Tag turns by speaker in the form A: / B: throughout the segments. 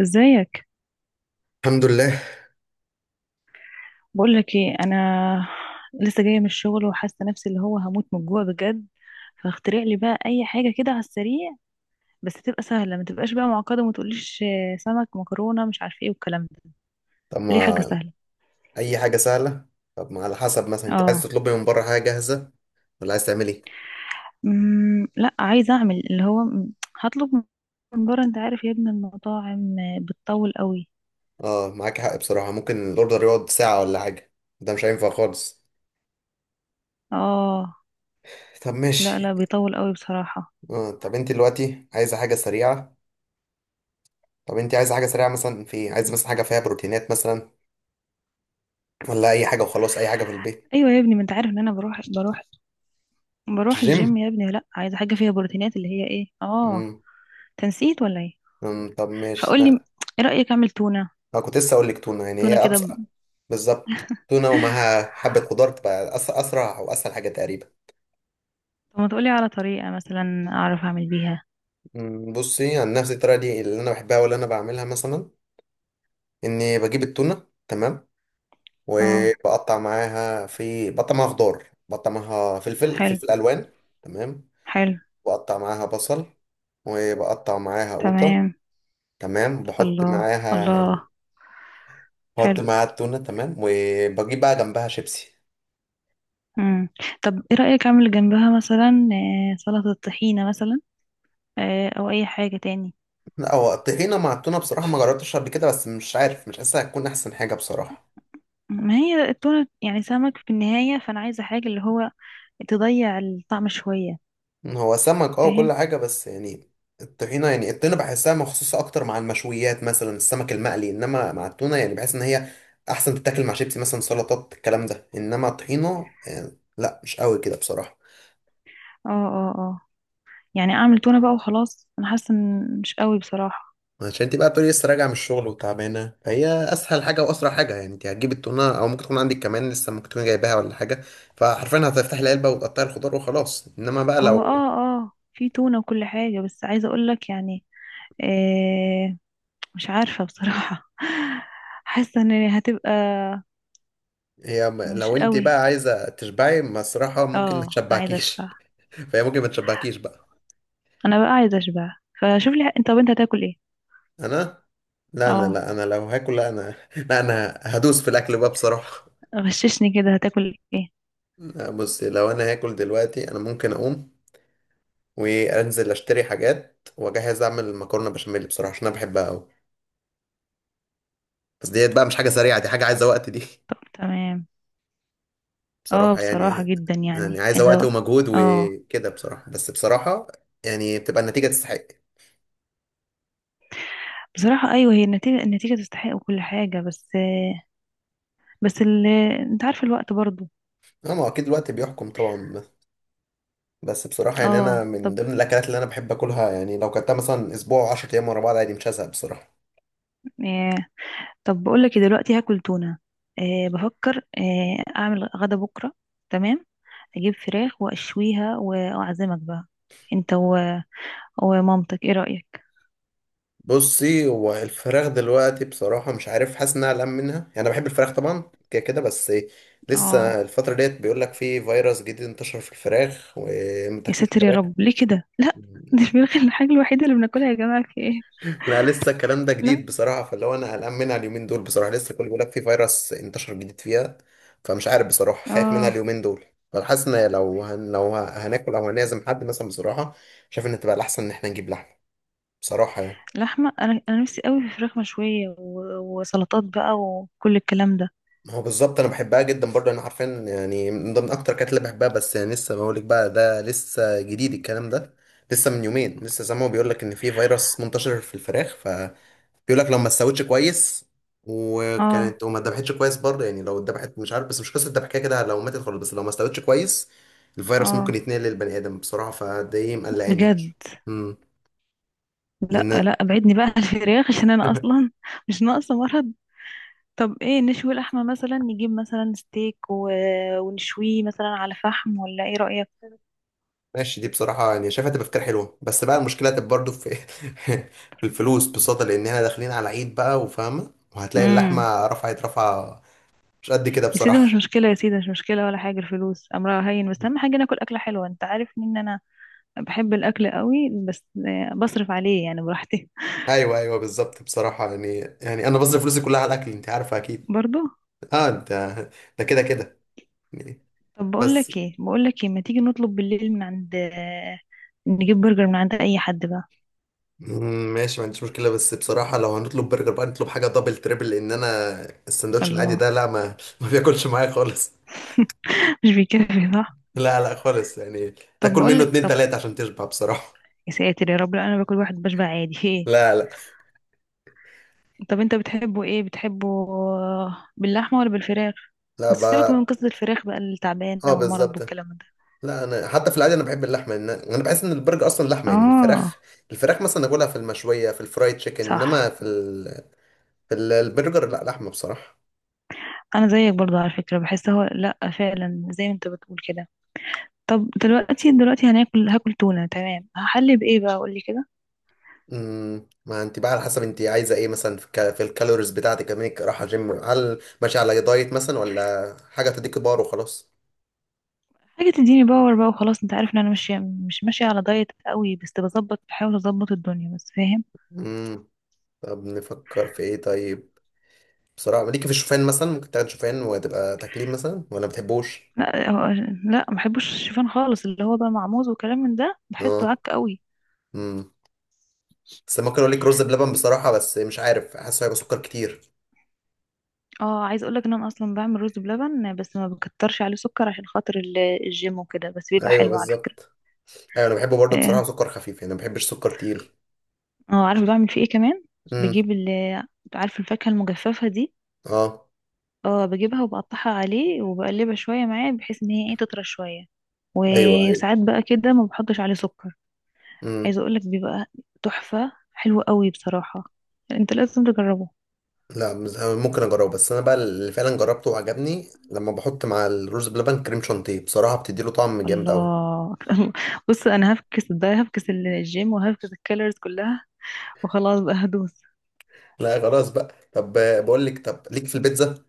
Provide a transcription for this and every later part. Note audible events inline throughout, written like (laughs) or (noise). A: ازيك؟
B: الحمد لله.
A: بقول لك ايه، انا لسه جايه من الشغل وحاسه نفسي اللي هو هموت من الجوع بجد. فاخترع لي بقى اي حاجه كده على السريع، بس تبقى سهله، ما تبقاش بقى معقده، وما تقوليش سمك مكرونه مش عارفه ايه والكلام ده.
B: طب
A: ليه؟ حاجه
B: ما
A: سهله.
B: اي حاجه سهله. طب، ما على حسب، مثلا انت عايز
A: اه.
B: تطلبي من بره حاجه جاهزه ولا عايز تعمل ايه؟
A: لا، عايزه اعمل اللي هو هطلب من بره. انت عارف يا ابني، المطاعم بتطول قوي.
B: اه، معاك حق بصراحه، ممكن الاوردر يقعد ساعه ولا حاجه. ده مش هينفع خالص.
A: اه.
B: طب
A: لا،
B: ماشي.
A: لا، بيطول قوي بصراحه.
B: آه، طب انت دلوقتي عايزه حاجه سريعه؟ طب انت عايزه حاجه سريعه مثلا، في إيه؟ عايزه مثلا حاجه فيها بروتينات مثلا، ولا اي حاجه وخلاص، اي حاجه في البيت؟
A: ايوه يا ابني، ما انت عارف ان انا بروح
B: جيم.
A: الجيم يا ابني. لا، عايزه حاجه فيها بروتينات، اللي هي ايه، اه،
B: امم.
A: تنسيت ولا ايه؟
B: طب ماشي.
A: فقول لي،
B: لا،
A: ايه رأيك اعمل تونة؟
B: انا كنت لسه اقول لك تونه، يعني
A: تونة
B: هي
A: كده
B: ابسط. بالظبط، تونه ومعاها حبه خضار تبقى اسرع واسهل حاجه تقريبا.
A: طب ما تقولي على طريقة مثلا اعرف اعمل بيها.
B: بصي، عن نفس الطريقه دي اللي انا بحبها واللي انا بعملها مثلا، اني بجيب التونه، تمام،
A: اه،
B: وبقطع معاها، في بقطع معاها خضار، بقطع معاها فلفل
A: حلو.
B: فلفل الوان، تمام.
A: حلو.
B: بقطع معاها بصل، وبقطع معاها قوطه،
A: تمام.
B: تمام. بحط
A: الله.
B: معاها
A: الله.
B: بحط
A: حلو.
B: معاها التونه، تمام، وبجيب بقى جنبها شيبسي.
A: امم. طب ايه رأيك اعمل جنبها مثلا سلطة طحينة مثلا؟ او اي حاجة تاني؟
B: لا، هو الطحينه مع التونه بصراحه ما جربتش قبل كده، بس مش عارف، مش حاسسها هتكون احسن حاجه بصراحه.
A: ما هي التونة يعني سمك في النهاية، فانا عايزة حاجة اللي هو تضيع الطعم شوية.
B: هو سمك، اه،
A: فاهم.
B: وكل حاجة، بس يعني الطحينة، الطحينة بحسها مخصوصة أكتر مع المشويات، مثلا السمك المقلي، إنما مع التونة يعني بحس إن هي أحسن تتاكل مع شيبسي مثلا، سلطات، الكلام ده. إنما الطحينة لا، مش قوي كده بصراحة.
A: اه، اه، اه. يعني اعمل تونة بقى وخلاص. انا حاسة ان مش قوي بصراحة.
B: عشان انت بقى بتقولي لسه راجعة من الشغل وتعبانة، فهي أسهل حاجة وأسرع حاجة. يعني انت هتجيب التونة أو ممكن تكون عندك كمان لسه، ممكن تكون جايباها ولا حاجة، فحرفيا هتفتحي العلبة وتقطعي الخضار وخلاص. إنما بقى،
A: هو
B: لو
A: اه، اه، في تونة وكل حاجة، بس عايزة اقولك يعني آه مش عارفة بصراحة. (laughs) حاسة ان هتبقى
B: هي،
A: مش
B: لو انت
A: قوي.
B: بقى عايزة تشبعي بصراحة، ممكن ما
A: اه. انا عايزة اشبع.
B: تشبعكيش. فهي ممكن ما تشبعكيش بقى.
A: انا بقى عايزة اشبع. فشوف لي انت، طب انت هتاكل ايه؟
B: انا لا انا
A: اه،
B: لا انا لو هاكل، لا انا هدوس في الاكل بقى بصراحه.
A: غششني، كده هتاكل ايه؟
B: لا بصي، لو انا هاكل دلوقتي، انا ممكن اقوم وانزل اشتري حاجات واجهز اعمل مكرونه بشاميل بصراحه، عشان انا بحبها قوي. بس ديت بقى مش حاجه سريعه، دي حاجه عايزه وقت دي (laughs)
A: طب، تمام. اه،
B: بصراحه
A: بصراحة
B: يعني،
A: جدا يعني
B: عايزه
A: عايزة
B: وقت ومجهود
A: اه،
B: وكده بصراحه. بس بصراحه يعني بتبقى النتيجه تستحق.
A: بصراحة ايوه، هي النتيجة تستحق وكل حاجة، بس بس. انت عارفة الوقت برضو.
B: اه، ما هو اكيد الوقت بيحكم طبعا. بس بصراحة يعني أنا
A: اه، طب
B: من ضمن الأكلات اللي أنا بحب أكلها. يعني لو كلتها مثلا أسبوع أو 10 أيام ورا بعض، عادي، مش هزهق بصراحة.
A: طب بقول لك إيه، دلوقتي هاكل تونة. أه، بفكر اعمل غدا بكرة. تمام. اجيب فراخ واشويها واعزمك بقى انت ومامتك، ايه رأيك؟
B: بصي، هو الفراخ دلوقتي بصراحة مش عارف، حاسس إنها أقلق منها. يعني أنا بحب الفراخ طبعا كده كده، بس إيه،
A: اه،
B: لسه الفترة ديت بيقول لك في فيروس جديد انتشر في الفراخ
A: يا
B: ومتاكلوش
A: ساتر يا
B: فراخ.
A: رب، ليه كده؟ (laughs) لا، دي الفراخ الحاجة الوحيدة اللي بناكلها يا جماعة، في ايه؟
B: لا، لسه الكلام ده
A: لا.
B: جديد بصراحة، فاللي هو أنا قلقان منها اليومين دول بصراحة. لسه كل بيقول لك في فيروس انتشر جديد فيها، فمش عارف بصراحة، خايف منها
A: اه،
B: اليومين دول. فحاسس إن لو هن... لو ه- هناكل أو هنعزم حد مثلا، بصراحة شايف إن تبقى الأحسن إن إحنا نجيب لحمة بصراحة يعني.
A: لحمة، انا نفسي قوي في فراخ مشوية وسلطات بقى وكل الكلام ده.
B: ما هو بالظبط، أنا بحبها جدا برضه، أنا عارفين يعني من ضمن أكتر الأكلات اللي بحبها. بس يعني لسه بقول لك بقى، ده لسه جديد الكلام ده، لسه من يومين لسه سامعه بيقول لك إن في فيروس منتشر في الفراخ. بيقول لك لو ما استوتش كويس
A: اه،
B: وكانت وما اتذبحتش كويس برضه، يعني لو اتذبحت مش عارف، بس مش قصه الذبح، كده كده لو ماتت خالص، بس لو ما استوتش كويس الفيروس ممكن
A: اه،
B: يتنقل للبني ادم بصراحه، فده ايه مقلقاني.
A: بجد.
B: امم.
A: لا،
B: لان
A: لا، ابعدني بقى عن الفراخ، عشان انا
B: (laughs)
A: اصلا مش ناقصة مرض. طب ايه، نشوي اللحمة مثلا، نجيب مثلا ستيك ونشويه مثلا على فحم، ولا ايه رأيك؟
B: ماشي، دي بصراحه يعني شايفها تبقى فكره حلوه، بس بقى المشكله تبقى برضه في (laughs) في الفلوس بصدى، لان احنا داخلين على عيد بقى وفاهمه، وهتلاقي
A: امم.
B: اللحمه رفعت رفعه، مش قد كده
A: يا سيدي مش
B: بصراحه.
A: مشكلة، يا سيدي مش مشكلة ولا حاجة، الفلوس أمرها هين. بس أهم حاجة ناكل أكلة حلوة. أنت عارف إن أنا بحب الأكل قوي، بس بصرف عليه يعني براحتي.
B: (laughs) ايوه ايوه، بالظبط بصراحه، يعني انا بصرف فلوسي كلها على الاكل، انت عارفه اكيد.
A: (laughs) برضو.
B: اه انت، ده كده كده جنيه.
A: طب بقول
B: بس
A: لك ايه، ما تيجي نطلب بالليل من عند نجيب برجر من عند أي حد بقى؟
B: ماشي، ما عنديش مشكلة، بس بصراحة لو هنطلب برجر بقى نطلب حاجة دبل تريبل، لأن أنا السندوتش العادي
A: الله.
B: ده، لا، ما (laughs) ما بياكلش معايا خالص.
A: (laughs) مش بيكفي صح؟
B: لا لا، خالص يعني.
A: طب
B: تاكل
A: بقول
B: منه
A: لك،
B: اتنين
A: طب،
B: تلاتة عشان تشبع بصراحة.
A: يا ساتر يا رب، لا أنا باكل واحد بشبع عادي. (laughs) ايه؟
B: لا لا،
A: طب انت بتحبه ايه، بتحبه آه، باللحمة ولا بالفراخ؟
B: لا
A: وسيبك من
B: بقى.
A: قصة الفراخ بقى
B: اه،
A: التعبانة والمرض
B: بالظبط.
A: والكلام ده.
B: لا، أنا حتى في العادي أنا بحب اللحمة، إن أنا بحس إن البرجر أصلا لحمة. يعني
A: اه،
B: الفراخ، مثلا أكلها في المشوية، في الفرايد تشيكن، إنما
A: صح.
B: في في البرجر لا، لحمة بصراحة.
A: انا زيك برضه على فكرة، بحس هو، لا فعلا زي ما انت بتقول كده. طب دلوقتي، هاكل تونة، تمام. هحلي بايه بقى؟ قولي كده.
B: امم، ما انت بقى على حسب انت عايزه ايه، مثلا في, في الكالوريز بتاعتك، لما انك رايحه جيم، هل ماشيه على دايت مثلا، ولا حاجه تديكي بار وخلاص؟
A: حاجة تديني باور بقى وخلاص. انت عارف ان انا مش ماشية على دايت قوي، بس بظبط، بحاول اظبط الدنيا بس، فاهم.
B: امم، طب نفكر في ايه طيب؟ بصراحه ليكي في الشوفان مثلا، ممكن تاخد شوفان وتبقى تكليم مثلا، ولا ما بتحبوش؟
A: لا هو- لا، ما بحبش الشوفان خالص. اللي هو بقى مع موز وكلام من ده بحسه عك
B: اه.
A: قوي.
B: امم. بس ممكن اقول لك رز بلبن بصراحه، بس مش عارف حاسه هيبقى سكر كتير.
A: اه، عايزه اقول لك ان انا اصلا بعمل رز بلبن، بس ما بكترش عليه سكر عشان خاطر الجيم وكده، بس بيبقى
B: ايوه
A: حلو على فكره.
B: بالظبط. ايوه انا بحبه برضه بصراحه،
A: اه،
B: سكر خفيف يعني، ما بحبش سكر تقيل.
A: عارفه بعمل فيه ايه كمان؟
B: امم.
A: بجيب عارفه الفاكهه المجففه دي؟
B: اه.
A: اه، بجيبها وبقطعها عليه وبقلبها شويه معاه، بحيث ان هي ايه، تطرى شويه.
B: ايوه ايوه.
A: وساعات بقى كده ما بحطش عليه سكر.
B: مم.
A: عايزه اقول لك، بيبقى تحفه، حلو قوي بصراحه. انت لازم تجربه.
B: لا، أنا ممكن اجربه، بس انا بقى اللي فعلا جربته وعجبني لما بحط مع الرز بلبن كريم شانتيه بصراحه، بتدي له طعم جامد قوي.
A: الله. (laughs) بص، انا هفكس ده، هفكس الجيم وهفكس الكالوريز كلها، وخلاص بقى هدوس.
B: لا خلاص بقى. طب بقول لك، طب ليك في البيتزا؟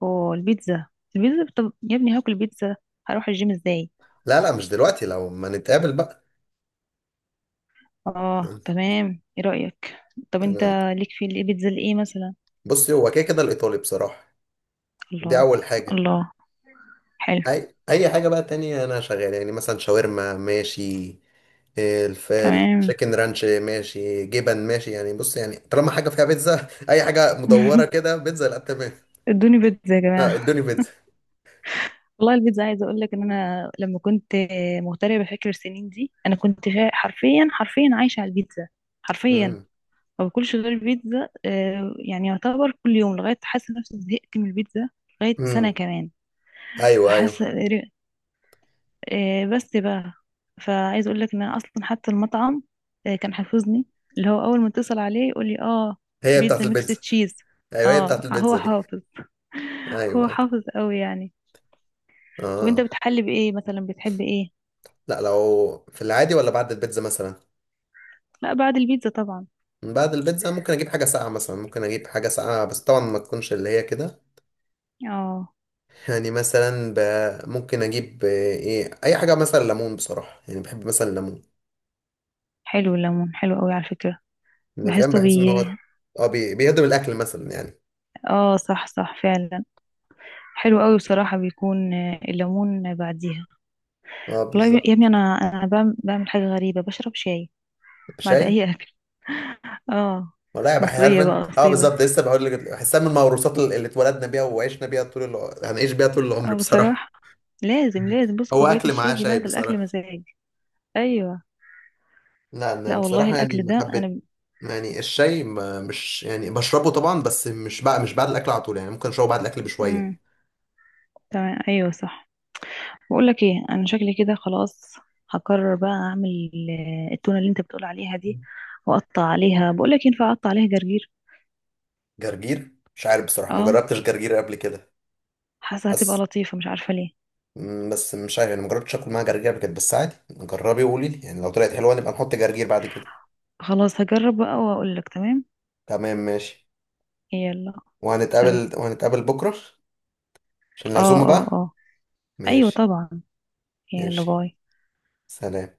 A: والبيتزا. البيتزا، البيتزا، طب يا ابني، هاكل بيتزا، هروح الجيم ازاي؟
B: لا لا، مش دلوقتي، لو ما نتقابل بقى.
A: اه،
B: (laughs)
A: تمام، ايه رأيك؟ طب انت،
B: أنا-
A: ليك في البيتزا الايه مثلا؟
B: بصي، هو كده كده الايطالي بصراحه، دي
A: الله.
B: اول حاجه.
A: الله. حلو.
B: اي، اي حاجه بقى تانية انا شغال، يعني مثلا شاورما ماشي، الف
A: تمام.
B: التشيكن رانش ماشي، جبن ماشي. يعني بص، يعني طالما حاجه فيها بيتزا (laughs) اي حاجه مدوره كده
A: (laughs)
B: بيتزا، لا تمام.
A: ادوني بيتزا يا جماعة.
B: ادوني بيتزا.
A: والله البيتزا، عايزة اقول لك ان انا لما كنت مغتربة، بفكر السنين دي انا كنت حرفيا، حرفيا عايشة على البيتزا. حرفيا.
B: مم.
A: ما باكلش غير البيتزا يعني يعتبر كل يوم، لغاية حاسة نفسي زهقت من البيتزا. لغاية سنة
B: امم.
A: كمان.
B: ايوه ايوه،
A: فحاسة بس بقى، فعايز اقول لك ان انا اصلا حتى المطعم كان حافظني، اللي هو اول ما اتصل عليه يقول لي: اه،
B: هي بتاعت
A: بيتزا ميكس
B: البيتزا.
A: تشيز.
B: ايوه هي
A: اه،
B: بتاعت
A: هو
B: البيتزا دي.
A: حافظ. (laughs)
B: ايوه
A: هو
B: ايوه.
A: حافظ قوي يعني. طب انت
B: اه.
A: بتحلي بايه مثلا؟ بتحب ايه؟
B: لا، لو في العادي ولا بعد البيتزا مثلا؟
A: لا، بعد البيتزا طبعا.
B: بعد البيتزا ممكن اجيب حاجه ساقعه مثلا، ممكن اجيب حاجه ساقعه، بس طبعا ما تكونش اللي هي كده.
A: اه،
B: يعني مثلا ممكن اجيب ايه، اي حاجه مثلا ليمون بصراحه، يعني بحب مثلا الليمون.
A: حلو، الليمون حلو قوي على فكرة.
B: يعني فاهم،
A: بحسه
B: بحس ان
A: بي.
B: هو، اه، بيهضم الاكل مثلا يعني.
A: اه، صح، صح فعلا. حلو قوي بصراحة، بيكون الليمون بعديها.
B: اه
A: والله يا ابني،
B: بالظبط.
A: انا بعمل، حاجة غريبة، بشرب شاي بعد
B: شاي؟
A: اي اكل. اه،
B: ولا يا بحي
A: مصرية
B: انت،
A: بقى
B: اه
A: أصيلة.
B: بالظبط، لسه بقول لك، بحسها من الموروثات اللي اتولدنا بيها وعشنا بيها طول هنعيش بيها طول العمر
A: اه،
B: بصراحه.
A: بصراحة لازم، لازم. بص،
B: هو
A: كوباية
B: اكل
A: الشاي
B: معاه
A: دي
B: شاي
A: بعد الأكل
B: بصراحه.
A: مزاج. أيوة.
B: لا، انا
A: لا والله
B: بصراحه يعني
A: الأكل
B: ما
A: ده
B: حبيت،
A: أنا.
B: يعني الشاي، ما مش يعني بشربه طبعا، بس مش بقى، مش بعد الاكل على طول يعني، ممكن اشربه بعد الاكل
A: امم.
B: بشويه.
A: تمام، أيوة، صح. بقول لك ايه، أنا شكلي كده خلاص، هقرر بقى أعمل التونة اللي أنت بتقول عليها دي، وأقطع عليها، بقول لك ينفع أقطع عليها جرجير؟
B: جرجير؟ مش عارف بصراحه، ما
A: اه،
B: جربتش جرجير قبل كده،
A: حاسة هتبقى
B: بس
A: لطيفة، مش عارفة ليه.
B: بس مش عارف يعني، ما جربتش اكل معاه جرجير قبل كده، بس عادي جربي وقولي لي يعني، لو طلعت حلوه نبقى نحط جرجير بعد كده.
A: خلاص، هجرب بقى وأقول لك. تمام.
B: تمام ماشي.
A: يلا، سلام.
B: وهنتقابل بكره عشان
A: اه،
B: العزومه
A: اه،
B: بقى.
A: اه. أيوة
B: ماشي.
A: طبعا. يلا،
B: ماشي،
A: باي.
B: سلام.